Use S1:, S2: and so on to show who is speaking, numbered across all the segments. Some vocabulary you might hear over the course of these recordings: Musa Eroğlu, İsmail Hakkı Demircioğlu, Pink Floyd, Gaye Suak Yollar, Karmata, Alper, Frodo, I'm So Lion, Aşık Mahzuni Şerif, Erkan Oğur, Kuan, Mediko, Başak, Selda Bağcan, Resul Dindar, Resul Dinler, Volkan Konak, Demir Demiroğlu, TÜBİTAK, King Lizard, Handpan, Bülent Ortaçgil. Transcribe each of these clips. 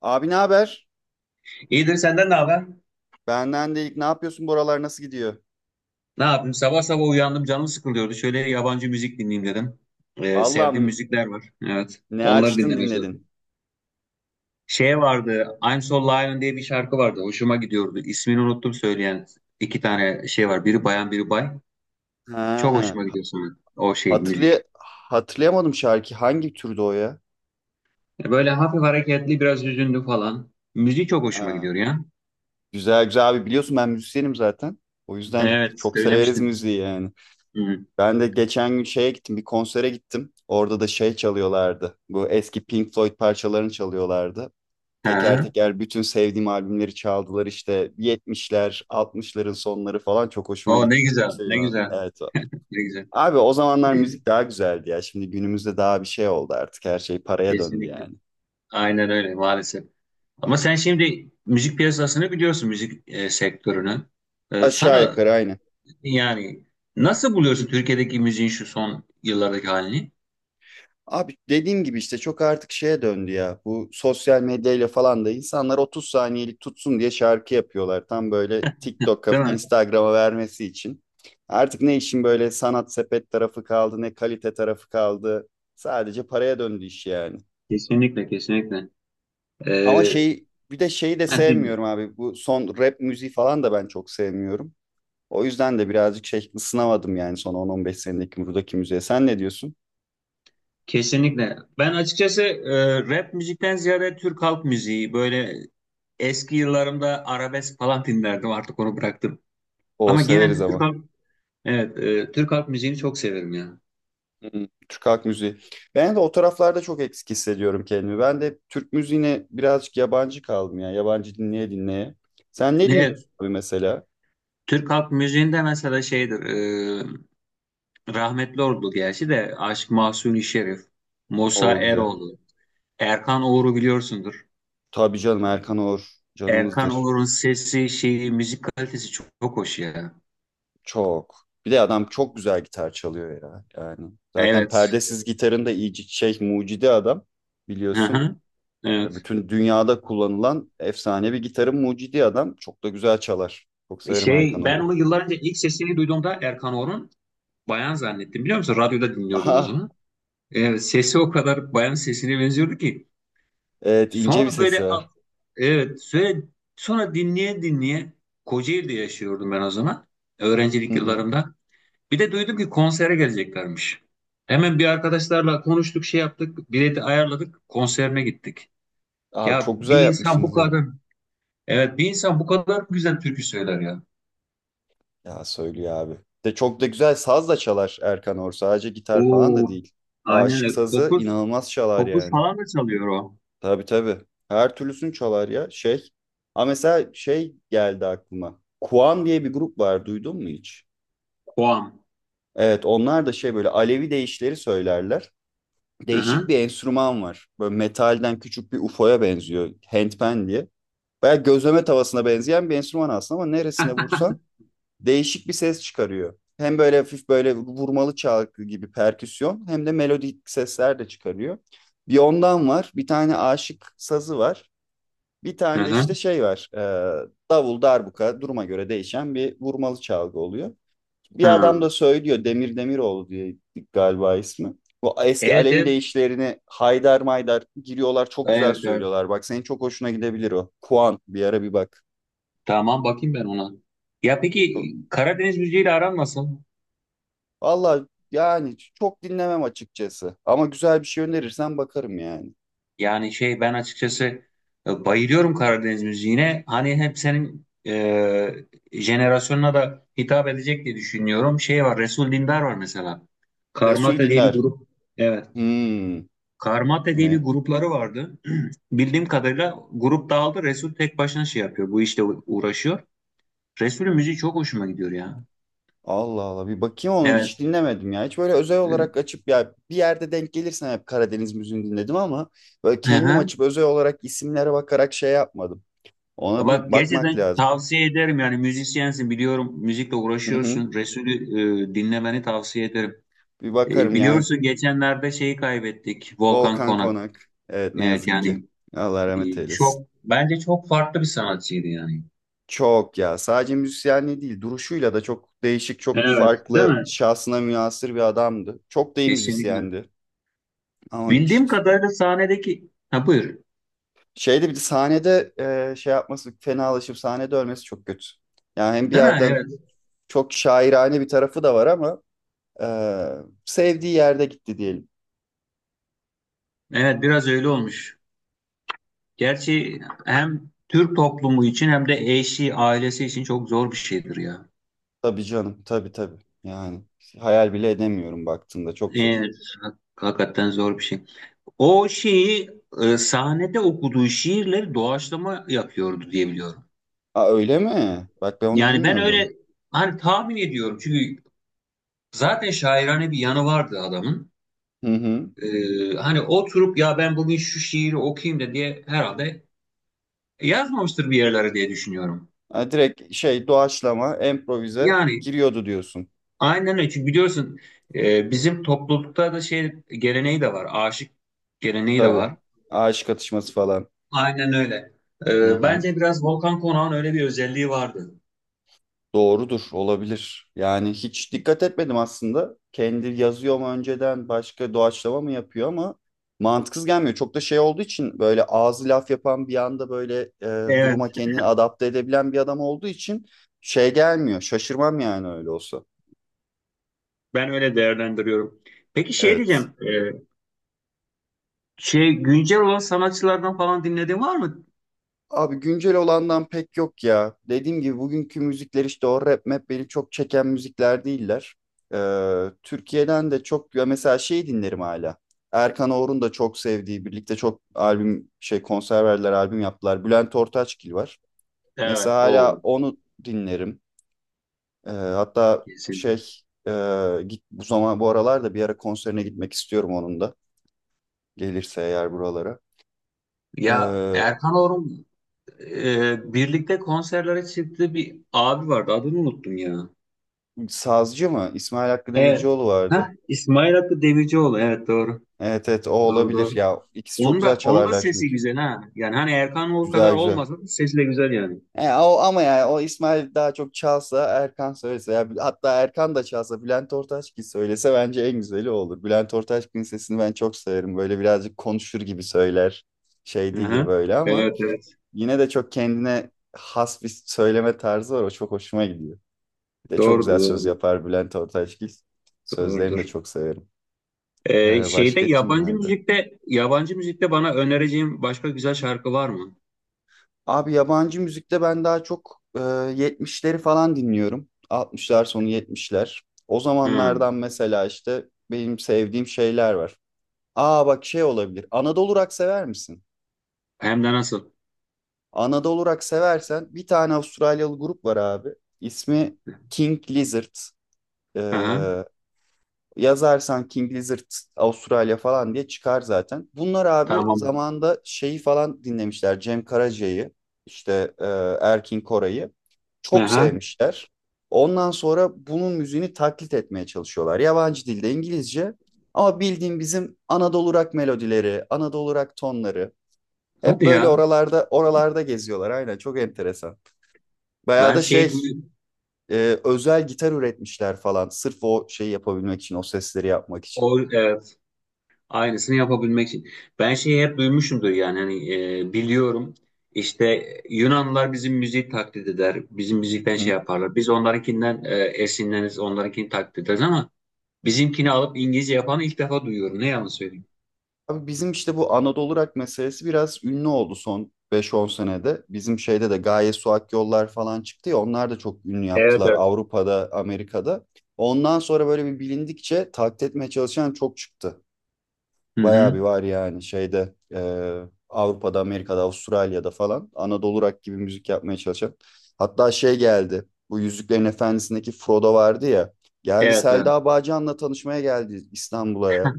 S1: Abi, ne haber?
S2: İyidir senden ne haber?
S1: Benden de, ne yapıyorsun buralar nasıl gidiyor?
S2: Ne yapayım? Sabah sabah uyandım canım sıkılıyordu. Şöyle yabancı müzik dinleyeyim dedim. Sevdiğim
S1: Allah'ım,
S2: müzikler var. Evet.
S1: ne
S2: Onları
S1: açtın
S2: dinlemeye çalıştım.
S1: dinledin.
S2: Şey vardı. I'm So Lion diye bir şarkı vardı. Hoşuma gidiyordu. İsmini unuttum söyleyen iki tane şey var. Biri bayan biri bay. Çok
S1: Ha,
S2: hoşuma gidiyor sonra o şey müzik.
S1: hatırlay hatırlayamadım, şarkı hangi türde o ya?
S2: Böyle hafif hareketli biraz hüzünlü falan. Müziği çok hoşuma
S1: Ha,
S2: gidiyor ya.
S1: güzel güzel. Abi, biliyorsun ben müzisyenim zaten. O yüzden
S2: Evet
S1: çok severiz
S2: söylemiştin.
S1: müziği yani.
S2: Hı.
S1: Ben de geçen gün şeye gittim, bir konsere gittim. Orada da şey çalıyorlardı, bu eski Pink Floyd parçalarını çalıyorlardı. Teker
S2: Ha.
S1: teker bütün sevdiğim albümleri çaldılar işte 70'ler, 60'ların sonları falan, çok hoşuma
S2: O ne
S1: gitti.
S2: güzel
S1: Çok
S2: ne
S1: seviyorum abi.
S2: güzel
S1: Evet.
S2: ne güzel.
S1: Abi, o zamanlar müzik daha güzeldi ya. Şimdi günümüzde daha bir şey oldu artık. Her şey paraya döndü
S2: Kesinlikle.
S1: yani.
S2: Aynen öyle maalesef. Ama sen şimdi müzik piyasasını biliyorsun, müzik sektörünü.
S1: Aşağı
S2: Sana
S1: yukarı aynı.
S2: yani nasıl buluyorsun Türkiye'deki müziğin şu son yıllardaki halini?
S1: Abi, dediğim gibi işte çok artık şeye döndü ya. Bu sosyal medyayla falan da insanlar 30 saniyelik tutsun diye şarkı yapıyorlar. Tam böyle TikTok'a,
S2: Değil mi?
S1: Instagram'a vermesi için. Artık ne işin böyle sanat sepet tarafı kaldı, ne kalite tarafı kaldı. Sadece paraya döndü iş yani.
S2: Kesinlikle, kesinlikle. E,
S1: Ama şey, bir de şeyi de
S2: Ben
S1: sevmiyorum
S2: dinliyorum.
S1: abi. Bu son rap müziği falan da ben çok sevmiyorum. O yüzden de birazcık şey ısınamadım yani son 10-15 senedeki buradaki müziğe. Sen ne diyorsun?
S2: Kesinlikle. Ben açıkçası rap müzikten ziyade Türk halk müziği, böyle eski yıllarımda arabesk falan dinlerdim, artık onu bıraktım.
S1: O
S2: Ama
S1: severiz
S2: genelde
S1: ama.
S2: evet, Türk halk müziğini çok severim ya.
S1: Hmm, Türk halk müziği. Ben de o taraflarda çok eksik hissediyorum kendimi. Ben de Türk müziğine birazcık yabancı kaldım ya, yabancı dinleye dinleye. Sen ne
S2: Evet,
S1: dinliyorsun abi mesela?
S2: Türk halk müziğinde mesela şeydir, e, rahmetli oldu gerçi de Aşık Mahzuni Şerif, Musa
S1: O güzel.
S2: Eroğlu, Erkan Oğur'u biliyorsundur.
S1: Tabii canım, Erkan Oğur
S2: Erkan
S1: canımızdır.
S2: Oğur'un sesi, şeyi, müzik kalitesi çok, çok hoş ya.
S1: Çok. Bir de adam çok güzel gitar çalıyor ya yani. Zaten
S2: Evet.
S1: perdesiz gitarın da iyice şey mucidi adam,
S2: Hı
S1: biliyorsun.
S2: hı.
S1: Ve
S2: Evet.
S1: bütün dünyada kullanılan efsanevi gitarın mucidi adam. Çok da güzel çalar. Çok severim Erkan
S2: Şey, ben
S1: Oru.
S2: onu yıllar önce ilk sesini duyduğumda Erkan Oğur'un bayan zannettim biliyor musun? Radyoda dinliyordum o
S1: Aha,
S2: zaman. Evet, sesi o kadar bayan sesine benziyordu ki.
S1: evet, ince bir
S2: Sonra
S1: sesi
S2: böyle
S1: var.
S2: a- evet, sonra dinleye dinleye Kocaeli'de yaşıyordum ben o zaman.
S1: Hı
S2: Öğrencilik
S1: hı.
S2: yıllarımda. Bir de duydum ki konsere geleceklermiş. Hemen bir arkadaşlarla konuştuk, şey yaptık, bileti ayarladık, konserine gittik.
S1: Abi,
S2: Ya
S1: çok güzel
S2: bir insan bu
S1: yapmışsınız ya.
S2: kadar, evet bir insan bu kadar güzel türkü söyler ya.
S1: Ya söylüyor abi. De çok da güzel saz da çalar Erkan Or, sadece gitar falan da
S2: Oo,
S1: değil.
S2: aynen
S1: Aşık
S2: öyle.
S1: sazı inanılmaz çalar
S2: Kopuz
S1: yani.
S2: falan da çalıyor o.
S1: Tabii tabii. Her türlüsünü çalar ya. Şey. Ha, mesela şey geldi aklıma. Kuan diye bir grup var. Duydun mu hiç?
S2: Koam.
S1: Evet, onlar da şey, böyle Alevi deyişleri söylerler.
S2: Hı
S1: Değişik
S2: hı,
S1: bir enstrüman var. Böyle metalden küçük bir UFO'ya benziyor, Handpan diye. Bayağı gözleme tavasına benzeyen bir enstrüman aslında, ama neresine vursan değişik bir ses çıkarıyor. Hem böyle hafif, böyle vurmalı çalgı gibi perküsyon, hem de melodik sesler de çıkarıyor. Bir ondan var, bir tane aşık sazı var. Bir
S2: hı
S1: tane de işte
S2: hı.
S1: şey var, davul, darbuka, duruma göre değişen bir vurmalı çalgı oluyor. Bir adam
S2: Hı.
S1: da söylüyor, Demir Demiroğlu diye galiba ismi. Bu eski
S2: Evet,
S1: Alevi
S2: evet,
S1: deyişlerini haydar maydar giriyorlar, çok güzel
S2: evet, evet.
S1: söylüyorlar. Bak, senin çok hoşuna gidebilir o. Kuan, bir ara bir bak.
S2: Tamam bakayım ben ona. Ya peki
S1: Çok,
S2: Karadeniz müziğiyle aran nasıl?
S1: valla yani çok dinlemem açıkçası. Ama güzel bir şey önerirsen bakarım yani.
S2: Yani şey ben açıkçası bayılıyorum Karadeniz müziğine. Hani hep senin jenerasyonuna da hitap edecek diye düşünüyorum. Şey var Resul Dindar var mesela.
S1: Resul
S2: Karmata diye bir
S1: Dinler.
S2: grup. Evet.
S1: Hmm,
S2: Karmata
S1: bu
S2: diye bir
S1: ne?
S2: grupları vardı. Bildiğim kadarıyla grup dağıldı. Resul tek başına şey yapıyor. Uğraşıyor. Resul'ün müziği çok hoşuma gidiyor ya.
S1: Allah Allah, bir bakayım, onu hiç
S2: Evet.
S1: dinlemedim ya. Hiç böyle özel
S2: Hı
S1: olarak açıp, ya bir yerde denk gelirsen hep Karadeniz müziğini dinledim ama böyle kendim
S2: hı.
S1: açıp özel olarak isimlere bakarak şey yapmadım. Ona bir
S2: Bak
S1: bakmak
S2: gerçekten
S1: lazım.
S2: tavsiye ederim yani müzisyensin biliyorum müzikle
S1: Hı hı.
S2: uğraşıyorsun. Resul'ü dinlemeni tavsiye ederim.
S1: Bir bakarım yani.
S2: Biliyorsun geçenlerde şeyi kaybettik Volkan
S1: Volkan
S2: Konak.
S1: Konak. Evet, ne
S2: Evet
S1: yazık ki.
S2: yani
S1: Allah rahmet eylesin.
S2: çok bence çok farklı bir sanatçıydı yani.
S1: Çok ya, sadece müzisyenliği değil, duruşuyla da çok değişik, çok
S2: Evet, değil
S1: farklı,
S2: mi?
S1: şahsına münhasır bir adamdı. Çok da iyi
S2: Kesinlikle.
S1: müzisyendi. Ama
S2: Bildiğim
S1: işte
S2: kadarıyla sahnedeki ha buyur.
S1: şeyde, bir de sahnede şey yapması, fenalaşıp sahnede ölmesi çok kötü. Yani hem bir
S2: Değil mi?
S1: yerden
S2: Evet.
S1: çok şairane bir tarafı da var, ama e, sevdiği yerde gitti diyelim.
S2: Evet biraz öyle olmuş. Gerçi hem Türk toplumu için hem de eşi, ailesi için çok zor bir şeydir ya.
S1: Tabii canım, tabii tabii. Yani hayal bile edemiyorum, baktığında çok zor.
S2: Evet. Hakikaten zor bir şey. O şeyi sahnede okuduğu şiirleri doğaçlama yapıyordu diye biliyorum.
S1: Aa, öyle mi? Bak, ben onu
S2: Yani ben
S1: bilmiyordum.
S2: öyle hani tahmin ediyorum çünkü zaten şairane bir yanı vardı adamın.
S1: Hı hı.
S2: Hani oturup ya ben bugün şu şiiri okuyayım da diye herhalde yazmamıştır bir yerlere diye düşünüyorum.
S1: Ha, direkt şey, doğaçlama, improvize
S2: Yani
S1: giriyordu diyorsun.
S2: aynen öyle çünkü biliyorsun bizim toplulukta da şey geleneği de var aşık geleneği de
S1: Tabii.
S2: var.
S1: Ağaç katışması falan.
S2: Aynen öyle.
S1: Hı hı.
S2: Bence biraz Volkan Konak'ın öyle bir özelliği vardı.
S1: Doğrudur, olabilir. Yani hiç dikkat etmedim aslında. Kendi yazıyor mu önceden, başka doğaçlama mı yapıyor, ama mantıksız gelmiyor. Çok da şey olduğu için, böyle ağzı laf yapan, bir anda böyle duruma
S2: Evet,
S1: kendini adapte edebilen bir adam olduğu için şey gelmiyor. Şaşırmam yani öyle olsa.
S2: ben öyle değerlendiriyorum. Peki şey
S1: Evet.
S2: diyeceğim, şey güncel olan sanatçılardan falan dinlediğin var mı?
S1: Abi, güncel olandan pek yok ya. Dediğim gibi bugünkü müzikler, işte o rap map, beni çok çeken müzikler değiller. Türkiye'den de çok ya, mesela şey dinlerim hala. Erkan Oğur'un da çok sevdiği, birlikte çok albüm şey, konser verdiler, albüm yaptılar. Bülent Ortaçgil var.
S2: Evet,
S1: Mesela hala
S2: o
S1: onu dinlerim. Hatta
S2: kesin.
S1: şey, e, git bu zaman, bu aralar da bir ara konserine gitmek istiyorum onun da. Gelirse eğer buralara.
S2: Ya
S1: Ee,
S2: Erkan Orum birlikte konserlere çıktığı bir abi vardı. Adını unuttum ya.
S1: sazcı mı? İsmail Hakkı
S2: Evet.
S1: Demircioğlu
S2: Heh,
S1: vardı.
S2: İsmail Hakkı Demircioğlu. Evet doğru.
S1: Evet evet, o
S2: Doğru
S1: olabilir
S2: doğru.
S1: ya. İkisi çok
S2: Onun
S1: güzel
S2: da onun da
S1: çalarlar
S2: sesi
S1: çünkü.
S2: güzel ha. Yani hani Erkan Oğur kadar
S1: Güzel güzel.
S2: olmasa da sesi de güzel yani.
S1: O, ama yani o İsmail daha çok çalsa, Erkan söylese, ya hatta Erkan da çalsa Bülent Ortaçgil söylese, bence en güzeli o olur. Bülent Ortaçgil'in sesini ben çok severim. Böyle birazcık konuşur gibi söyler. Şey değildir
S2: Hı-hı.
S1: böyle, ama
S2: Evet evet.
S1: yine de çok kendine has bir söyleme tarzı var. O çok hoşuma gidiyor. Bir de çok
S2: Doğrudur
S1: güzel söz
S2: doğrudur.
S1: yapar Bülent Ortaçgil. Sözlerini de
S2: Doğrudur.
S1: çok severim.
S2: Şeyde
S1: Başka kim vardı?
S2: yabancı müzikte bana önereceğin başka güzel şarkı var mı?
S1: Abi, yabancı müzikte ben daha çok 70'leri falan dinliyorum. 60'lar sonu, 70'ler. O
S2: Hı.
S1: zamanlardan mesela işte benim sevdiğim şeyler var. Aa bak, şey olabilir. Anadolu Rock sever misin?
S2: Hem de nasıl?
S1: Anadolu Rock seversen, bir tane Avustralyalı grup var abi. İsmi King Lizard. E,
S2: Aha,
S1: Yazarsan King Lizard Avustralya falan diye çıkar zaten. Bunlar abi
S2: tamam.
S1: zamanda şeyi falan dinlemişler. Cem Karaca'yı, işte Erkin Koray'ı çok
S2: Aha,
S1: sevmişler. Ondan sonra bunun müziğini taklit etmeye çalışıyorlar. Yabancı dilde, İngilizce, ama bildiğim bizim Anadolu rock melodileri, Anadolu rock tonları, hep
S2: hadi
S1: böyle
S2: ya.
S1: oralarda oralarda geziyorlar. Aynen, çok enteresan. Bayağı
S2: Ben
S1: da şey, e, özel gitar üretmişler falan, sırf o şeyi yapabilmek için, o sesleri yapmak için.
S2: o, evet, aynısını yapabilmek için. Ben şeyi hep duymuşumdur yani hani biliyorum işte Yunanlılar bizim müziği taklit eder. Bizim müzikten
S1: Hı.
S2: şey yaparlar. Biz onlarınkinden esinleniriz, onlarınkini taklit ederiz ama bizimkini alıp İngilizce yapanı ilk defa duyuyorum. Ne yalan söyleyeyim.
S1: Abi, bizim işte bu Anadolu rock meselesi biraz ünlü oldu son 5-10 senede. Bizim şeyde de Gaye Suak Yollar falan çıktı ya, onlar da çok ünlü
S2: Evet
S1: yaptılar
S2: evet.
S1: Avrupa'da, Amerika'da. Ondan sonra böyle bir bilindikçe taklit etmeye çalışan çok çıktı.
S2: Hı
S1: Bayağı
S2: hı.
S1: bir var yani şeyde, Avrupa'da, Amerika'da, Avustralya'da falan Anadolu rock gibi müzik yapmaya çalışan. Hatta şey geldi, bu Yüzüklerin Efendisi'ndeki Frodo vardı ya, geldi
S2: Evet evet.
S1: Selda Bağcan'la tanışmaya geldi İstanbul'a ya.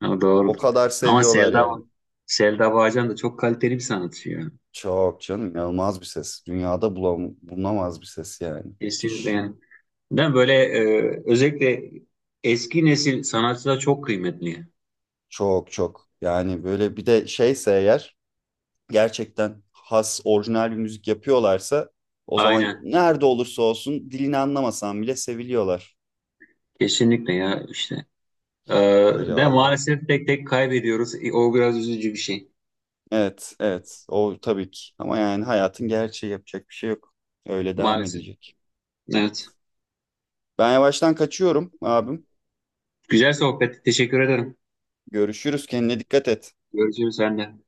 S2: Ha,
S1: O
S2: doğrudur.
S1: kadar
S2: Ama
S1: seviyorlar yani.
S2: Selda Bağcan da çok kaliteli bir sanatçı ya.
S1: Çok canım, inanılmaz bir ses. Dünyada bulam bulunamaz bir ses yani.
S2: Kesinlikle
S1: Müthiş.
S2: yani. Değil mi? Böyle özellikle eski nesil sanatçılar çok kıymetli.
S1: Çok çok. Yani böyle, bir de şeyse eğer gerçekten has orijinal bir müzik yapıyorlarsa, o zaman
S2: Aynen.
S1: nerede olursa olsun, dilini anlamasan bile seviliyorlar.
S2: Kesinlikle ya işte. E,
S1: Öyle
S2: De
S1: valla.
S2: maalesef tek tek kaybediyoruz. O biraz üzücü bir şey.
S1: Evet evet, o tabii ki. Ama yani hayatın gerçeği, yapacak bir şey yok. Öyle devam
S2: Maalesef.
S1: edecek.
S2: Evet.
S1: Evet. Ben yavaştan kaçıyorum abim.
S2: Güzel sohbet. Teşekkür ederim.
S1: Görüşürüz, kendine dikkat et.
S2: Görüşürüz sen de.